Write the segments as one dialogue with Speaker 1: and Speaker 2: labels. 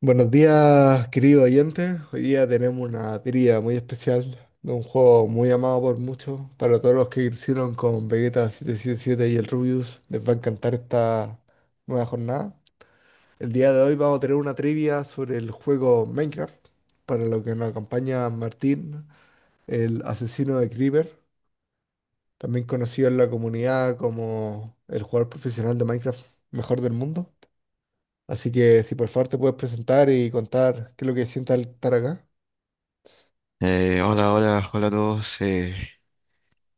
Speaker 1: Buenos días, querido oyente. Hoy día tenemos una trivia muy especial de un juego muy amado por muchos. Para todos los que hicieron con Vegeta 777 y el Rubius, les va a encantar esta nueva jornada. El día de hoy vamos a tener una trivia sobre el juego Minecraft, para lo que nos acompaña Martín, el asesino de Creeper, también conocido en la comunidad como el jugador profesional de Minecraft mejor del mundo. Así que si por favor te puedes presentar y contar qué es lo que sientes al estar acá.
Speaker 2: Hola, hola, hola a todos.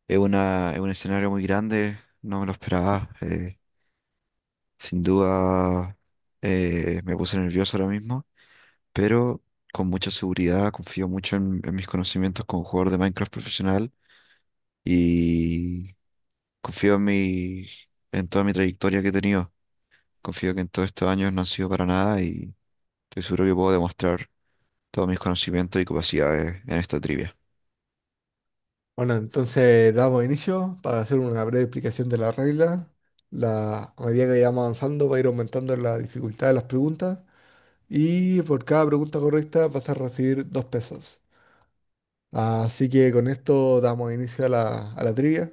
Speaker 2: Es es un escenario muy grande, no me lo esperaba. Sin duda, me puse nervioso ahora mismo, pero con mucha seguridad, confío mucho en mis conocimientos como jugador de Minecraft profesional, y confío en mi, en toda mi trayectoria que he tenido. Confío que en todos estos años no han sido para nada, y estoy seguro que puedo demostrar todos mis conocimientos y capacidades en esta trivia.
Speaker 1: Bueno, entonces damos inicio para hacer una breve explicación de la regla. A medida que vayamos avanzando va a ir aumentando la dificultad de las preguntas y por cada pregunta correcta vas a recibir 2 pesos. Así que con esto damos inicio a la trivia.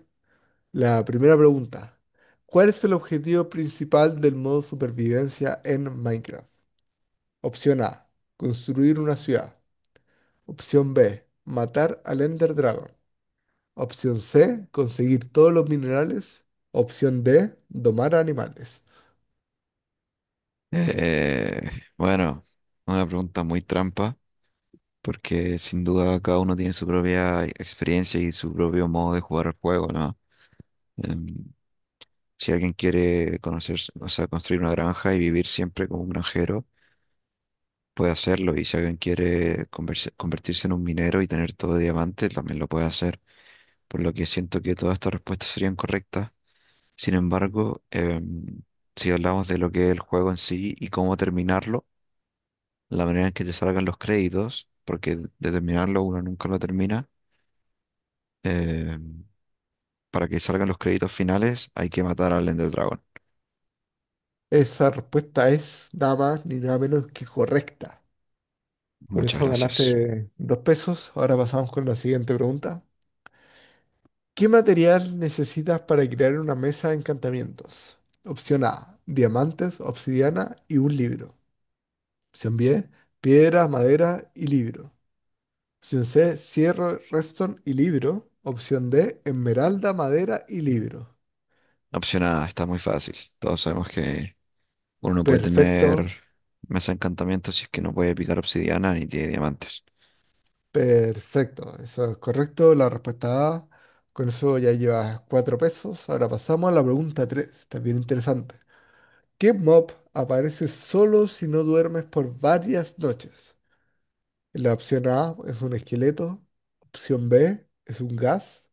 Speaker 1: La primera pregunta. ¿Cuál es el objetivo principal del modo supervivencia en Minecraft? Opción A. Construir una ciudad. Opción B. Matar al Ender Dragon. Opción C, conseguir todos los minerales. Opción D, domar animales.
Speaker 2: Eh, bueno, una pregunta muy trampa, porque sin duda cada uno tiene su propia experiencia y su propio modo de jugar al juego, ¿no? Em, si alguien quiere conocer, o sea, construir una granja y vivir siempre como un granjero, puede hacerlo. Y si alguien quiere convertirse en un minero y tener todo de diamante, también lo puede hacer. Por lo que siento que todas estas respuestas serían correctas. Sin embargo, si hablamos de lo que es el juego en sí y cómo terminarlo, la manera en que te salgan los créditos, porque de terminarlo uno nunca lo termina, em, para que salgan los créditos finales, hay que matar al Ender Dragon.
Speaker 1: Esa respuesta es nada más ni nada menos que correcta. Por
Speaker 2: Muchas
Speaker 1: eso
Speaker 2: gracias.
Speaker 1: ganaste 2 pesos. Ahora pasamos con la siguiente pregunta. ¿Qué material necesitas para crear una mesa de encantamientos? Opción A, diamantes, obsidiana y un libro. Opción B, piedra, madera y libro. Opción C, cierro, redstone y libro. Opción D, esmeralda, madera y libro.
Speaker 2: Opción A, está muy fácil. Todos sabemos que uno no puede tener
Speaker 1: Perfecto,
Speaker 2: mesa de encantamiento si es que no puede picar obsidiana ni tiene diamantes.
Speaker 1: Perfecto, eso es correcto. La respuesta A. Con eso ya llevas 4 pesos. Ahora pasamos a la pregunta 3, también interesante. ¿Qué mob aparece solo si no duermes por varias noches? La opción A es un esqueleto. Opción B es un gas.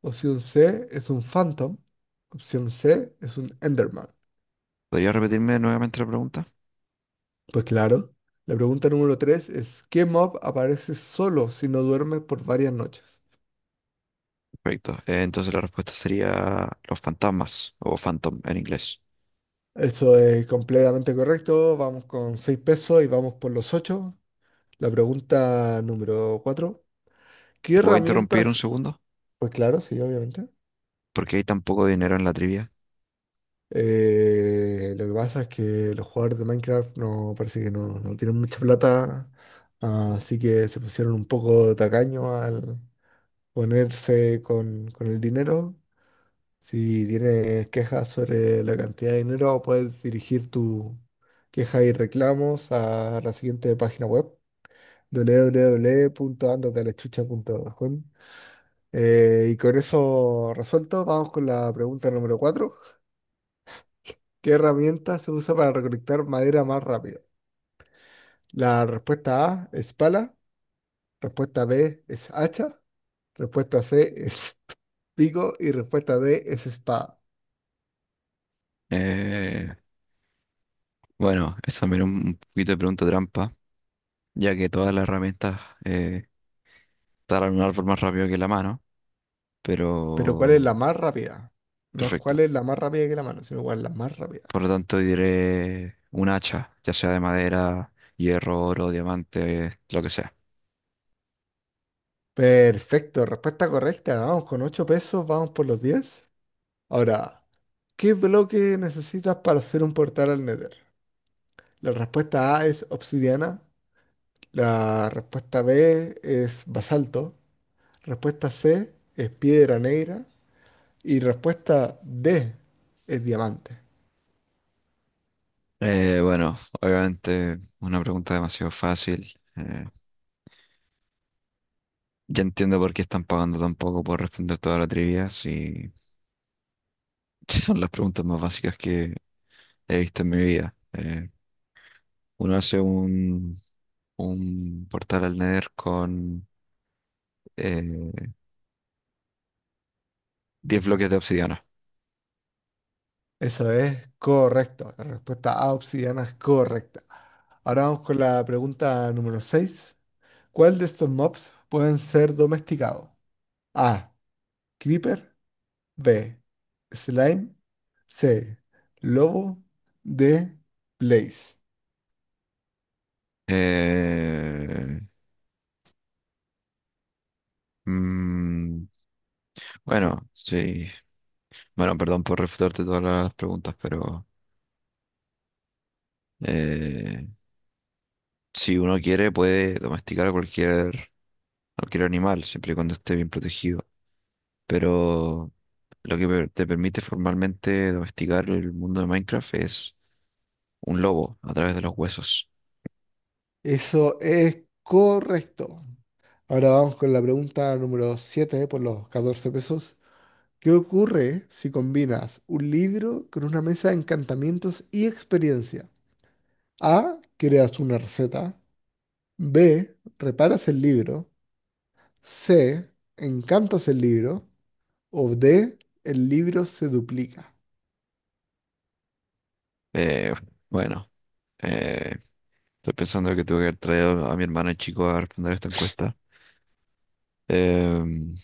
Speaker 1: Opción C es un phantom. Opción C es un enderman.
Speaker 2: ¿Podría repetirme nuevamente la pregunta?
Speaker 1: Pues claro, la pregunta número 3 es ¿qué mob aparece solo si no duermes por varias noches?
Speaker 2: Perfecto. Entonces la respuesta sería los fantasmas o phantom en inglés.
Speaker 1: Eso es completamente correcto. Vamos con 6 pesos y vamos por los 8. La pregunta número 4. ¿Qué
Speaker 2: ¿Te puedo interrumpir un
Speaker 1: herramientas?
Speaker 2: segundo?
Speaker 1: Pues claro, sí, obviamente.
Speaker 2: Porque hay tan poco dinero en la trivia.
Speaker 1: Lo que pasa es que los jugadores de Minecraft no parece que no, tienen mucha plata, así que se pusieron un poco tacaño al ponerse con el dinero. Si tienes quejas sobre la cantidad de dinero, puedes dirigir tu queja y reclamos a la siguiente página web www.andotalechucha.com. Y con eso resuelto, vamos con la pregunta número cuatro. ¿Qué herramienta se usa para recolectar madera más rápido? La respuesta A es pala, respuesta B es hacha, respuesta C es pico y respuesta D es espada.
Speaker 2: Eh, bueno, es también un poquito de pregunta trampa, ya que todas las herramientas eh, talan un árbol más rápido que la mano,
Speaker 1: Pero ¿cuál es
Speaker 2: pero
Speaker 1: la más rápida? No es
Speaker 2: perfecto.
Speaker 1: cuál es la más rápida que la mano, sino cuál es la más rápida.
Speaker 2: Por lo tanto, diré un hacha, ya sea de madera, hierro, oro, diamante, lo que sea.
Speaker 1: Perfecto, respuesta correcta. Vamos con 8 pesos, vamos por los 10. Ahora. ¿Qué bloque necesitas para hacer un portal al Nether? La respuesta A es obsidiana, la respuesta B es basalto, respuesta C es piedra negra y respuesta D es diamante.
Speaker 2: Bueno, obviamente una pregunta demasiado fácil. Ya entiendo por qué están pagando tan poco por responder toda la trivia, si si son las preguntas más básicas que he visto en mi vida. Uno hace un portal al Nether con eh, 10 bloques de obsidiana.
Speaker 1: Eso es correcto. La respuesta A obsidiana es correcta. Ahora vamos con la pregunta número 6. ¿Cuál de estos mobs pueden ser domesticados? A. Creeper. B. Slime. C. Lobo de Blaze.
Speaker 2: Eh, Mm, bueno, sí. Bueno, perdón por refutarte todas las preguntas, pero eh, si uno quiere puede domesticar a cualquier animal, siempre y cuando esté bien protegido. Pero lo que te permite formalmente domesticar el mundo de Minecraft es un lobo a través de los huesos.
Speaker 1: Eso es correcto. Ahora vamos con la pregunta número 7 por los 14 pesos. ¿Qué ocurre si combinas un libro con una mesa de encantamientos y experiencia? A. Creas una receta. B. Reparas el libro. C. Encantas el libro. O D. El libro se duplica.
Speaker 2: Eh, bueno, eh, Estoy pensando que tuve que haber traído a mi hermano chico a responder esta encuesta. Em,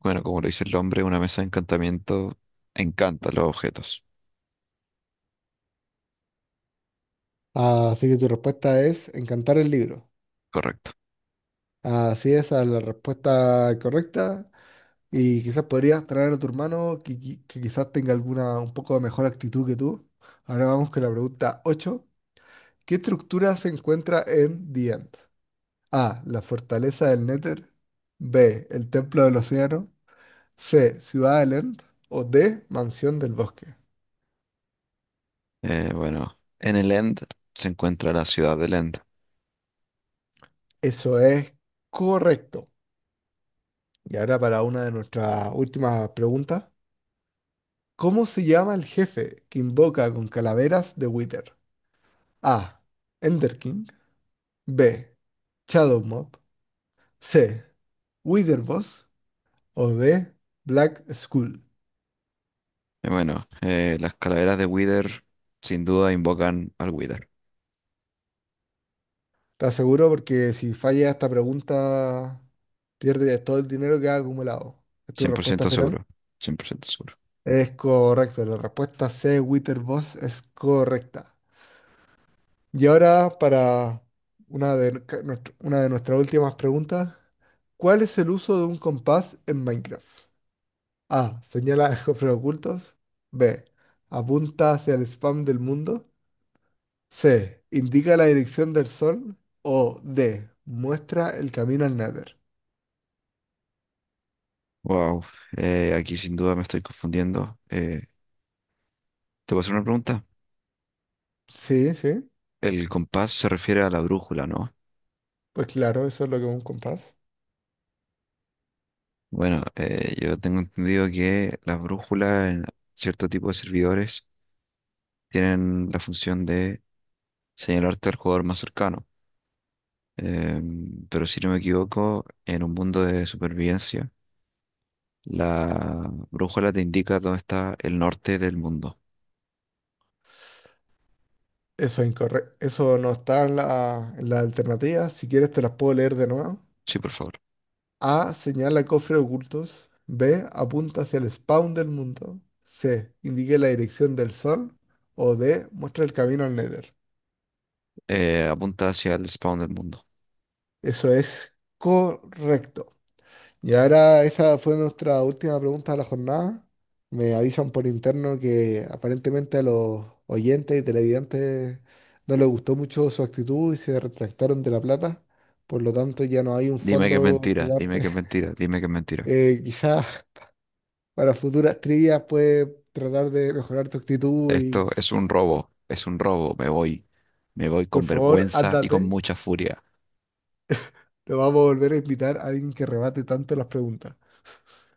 Speaker 2: Bueno, como lo dice el nombre, una mesa de encantamiento encanta los objetos.
Speaker 1: Así que tu respuesta es encantar el libro.
Speaker 2: Correcto.
Speaker 1: Así es, a la respuesta correcta. Y quizás podrías traer a tu hermano que quizás tenga alguna un poco de mejor actitud que tú. Ahora vamos con la pregunta 8. ¿Qué estructura se encuentra en The End? A. La fortaleza del Nether. B. El templo del océano. C. Ciudad del End. O D. Mansión del bosque.
Speaker 2: Bueno, en el End se encuentra la ciudad del End.
Speaker 1: Eso es correcto. Y ahora para una de nuestras últimas preguntas. ¿Cómo se llama el jefe que invoca con calaveras de Wither? A. Ender King. B. Shadow Mob. C. Wither Boss. O D. Black Skull.
Speaker 2: Y bueno, las calaveras de Wither sin duda invocan al Wither.
Speaker 1: Te aseguro porque si falla esta pregunta, pierde todo el dinero que ha acumulado. ¿Es tu
Speaker 2: cien por
Speaker 1: respuesta
Speaker 2: ciento
Speaker 1: final?
Speaker 2: seguro. 100% seguro.
Speaker 1: Es correcto. La respuesta C. Wither Boss es correcta. Y ahora para una de nuestras últimas preguntas. ¿Cuál es el uso de un compás en Minecraft? A. Señala a cofres ocultos. B. Apunta hacia el spam del mundo. C. Indica la dirección del sol. O D. Muestra el camino al Nether.
Speaker 2: Wow. Aquí sin duda me estoy confundiendo. ¿Te puedo hacer una pregunta?
Speaker 1: Sí, sí.
Speaker 2: El compás se refiere a la brújula, ¿no?
Speaker 1: Pues claro, eso es lo que es un compás.
Speaker 2: Bueno, yo tengo entendido que las brújulas en cierto tipo de servidores tienen la función de señalarte al jugador más cercano. Pero si no me equivoco, en un mundo de supervivencia, la brújula te indica dónde está el norte del mundo.
Speaker 1: Eso es incorrecto. Eso no está en la alternativa. Si quieres te las puedo leer de nuevo.
Speaker 2: Sí, por favor.
Speaker 1: A. Señala cofres ocultos. B. Apunta hacia el spawn del mundo. C. Indique la dirección del sol. O D. Muestra el camino al Nether.
Speaker 2: Apunta hacia el spawn del mundo.
Speaker 1: Eso es correcto. Y ahora esa fue nuestra última pregunta de la jornada. Me avisan por interno que aparentemente a los oyentes y televidentes no les gustó mucho su actitud y se retractaron de la plata. Por lo tanto, ya no hay un
Speaker 2: Dime que es
Speaker 1: fondo que
Speaker 2: mentira,
Speaker 1: darte.
Speaker 2: dime que es mentira, dime que es mentira.
Speaker 1: Quizás para futuras trivias puedes tratar de mejorar tu actitud y
Speaker 2: Esto es un robo, es un robo. Me voy
Speaker 1: por
Speaker 2: con
Speaker 1: favor,
Speaker 2: vergüenza y con
Speaker 1: ándate.
Speaker 2: mucha furia.
Speaker 1: Lo vamos a volver a invitar a alguien que rebate tanto las preguntas.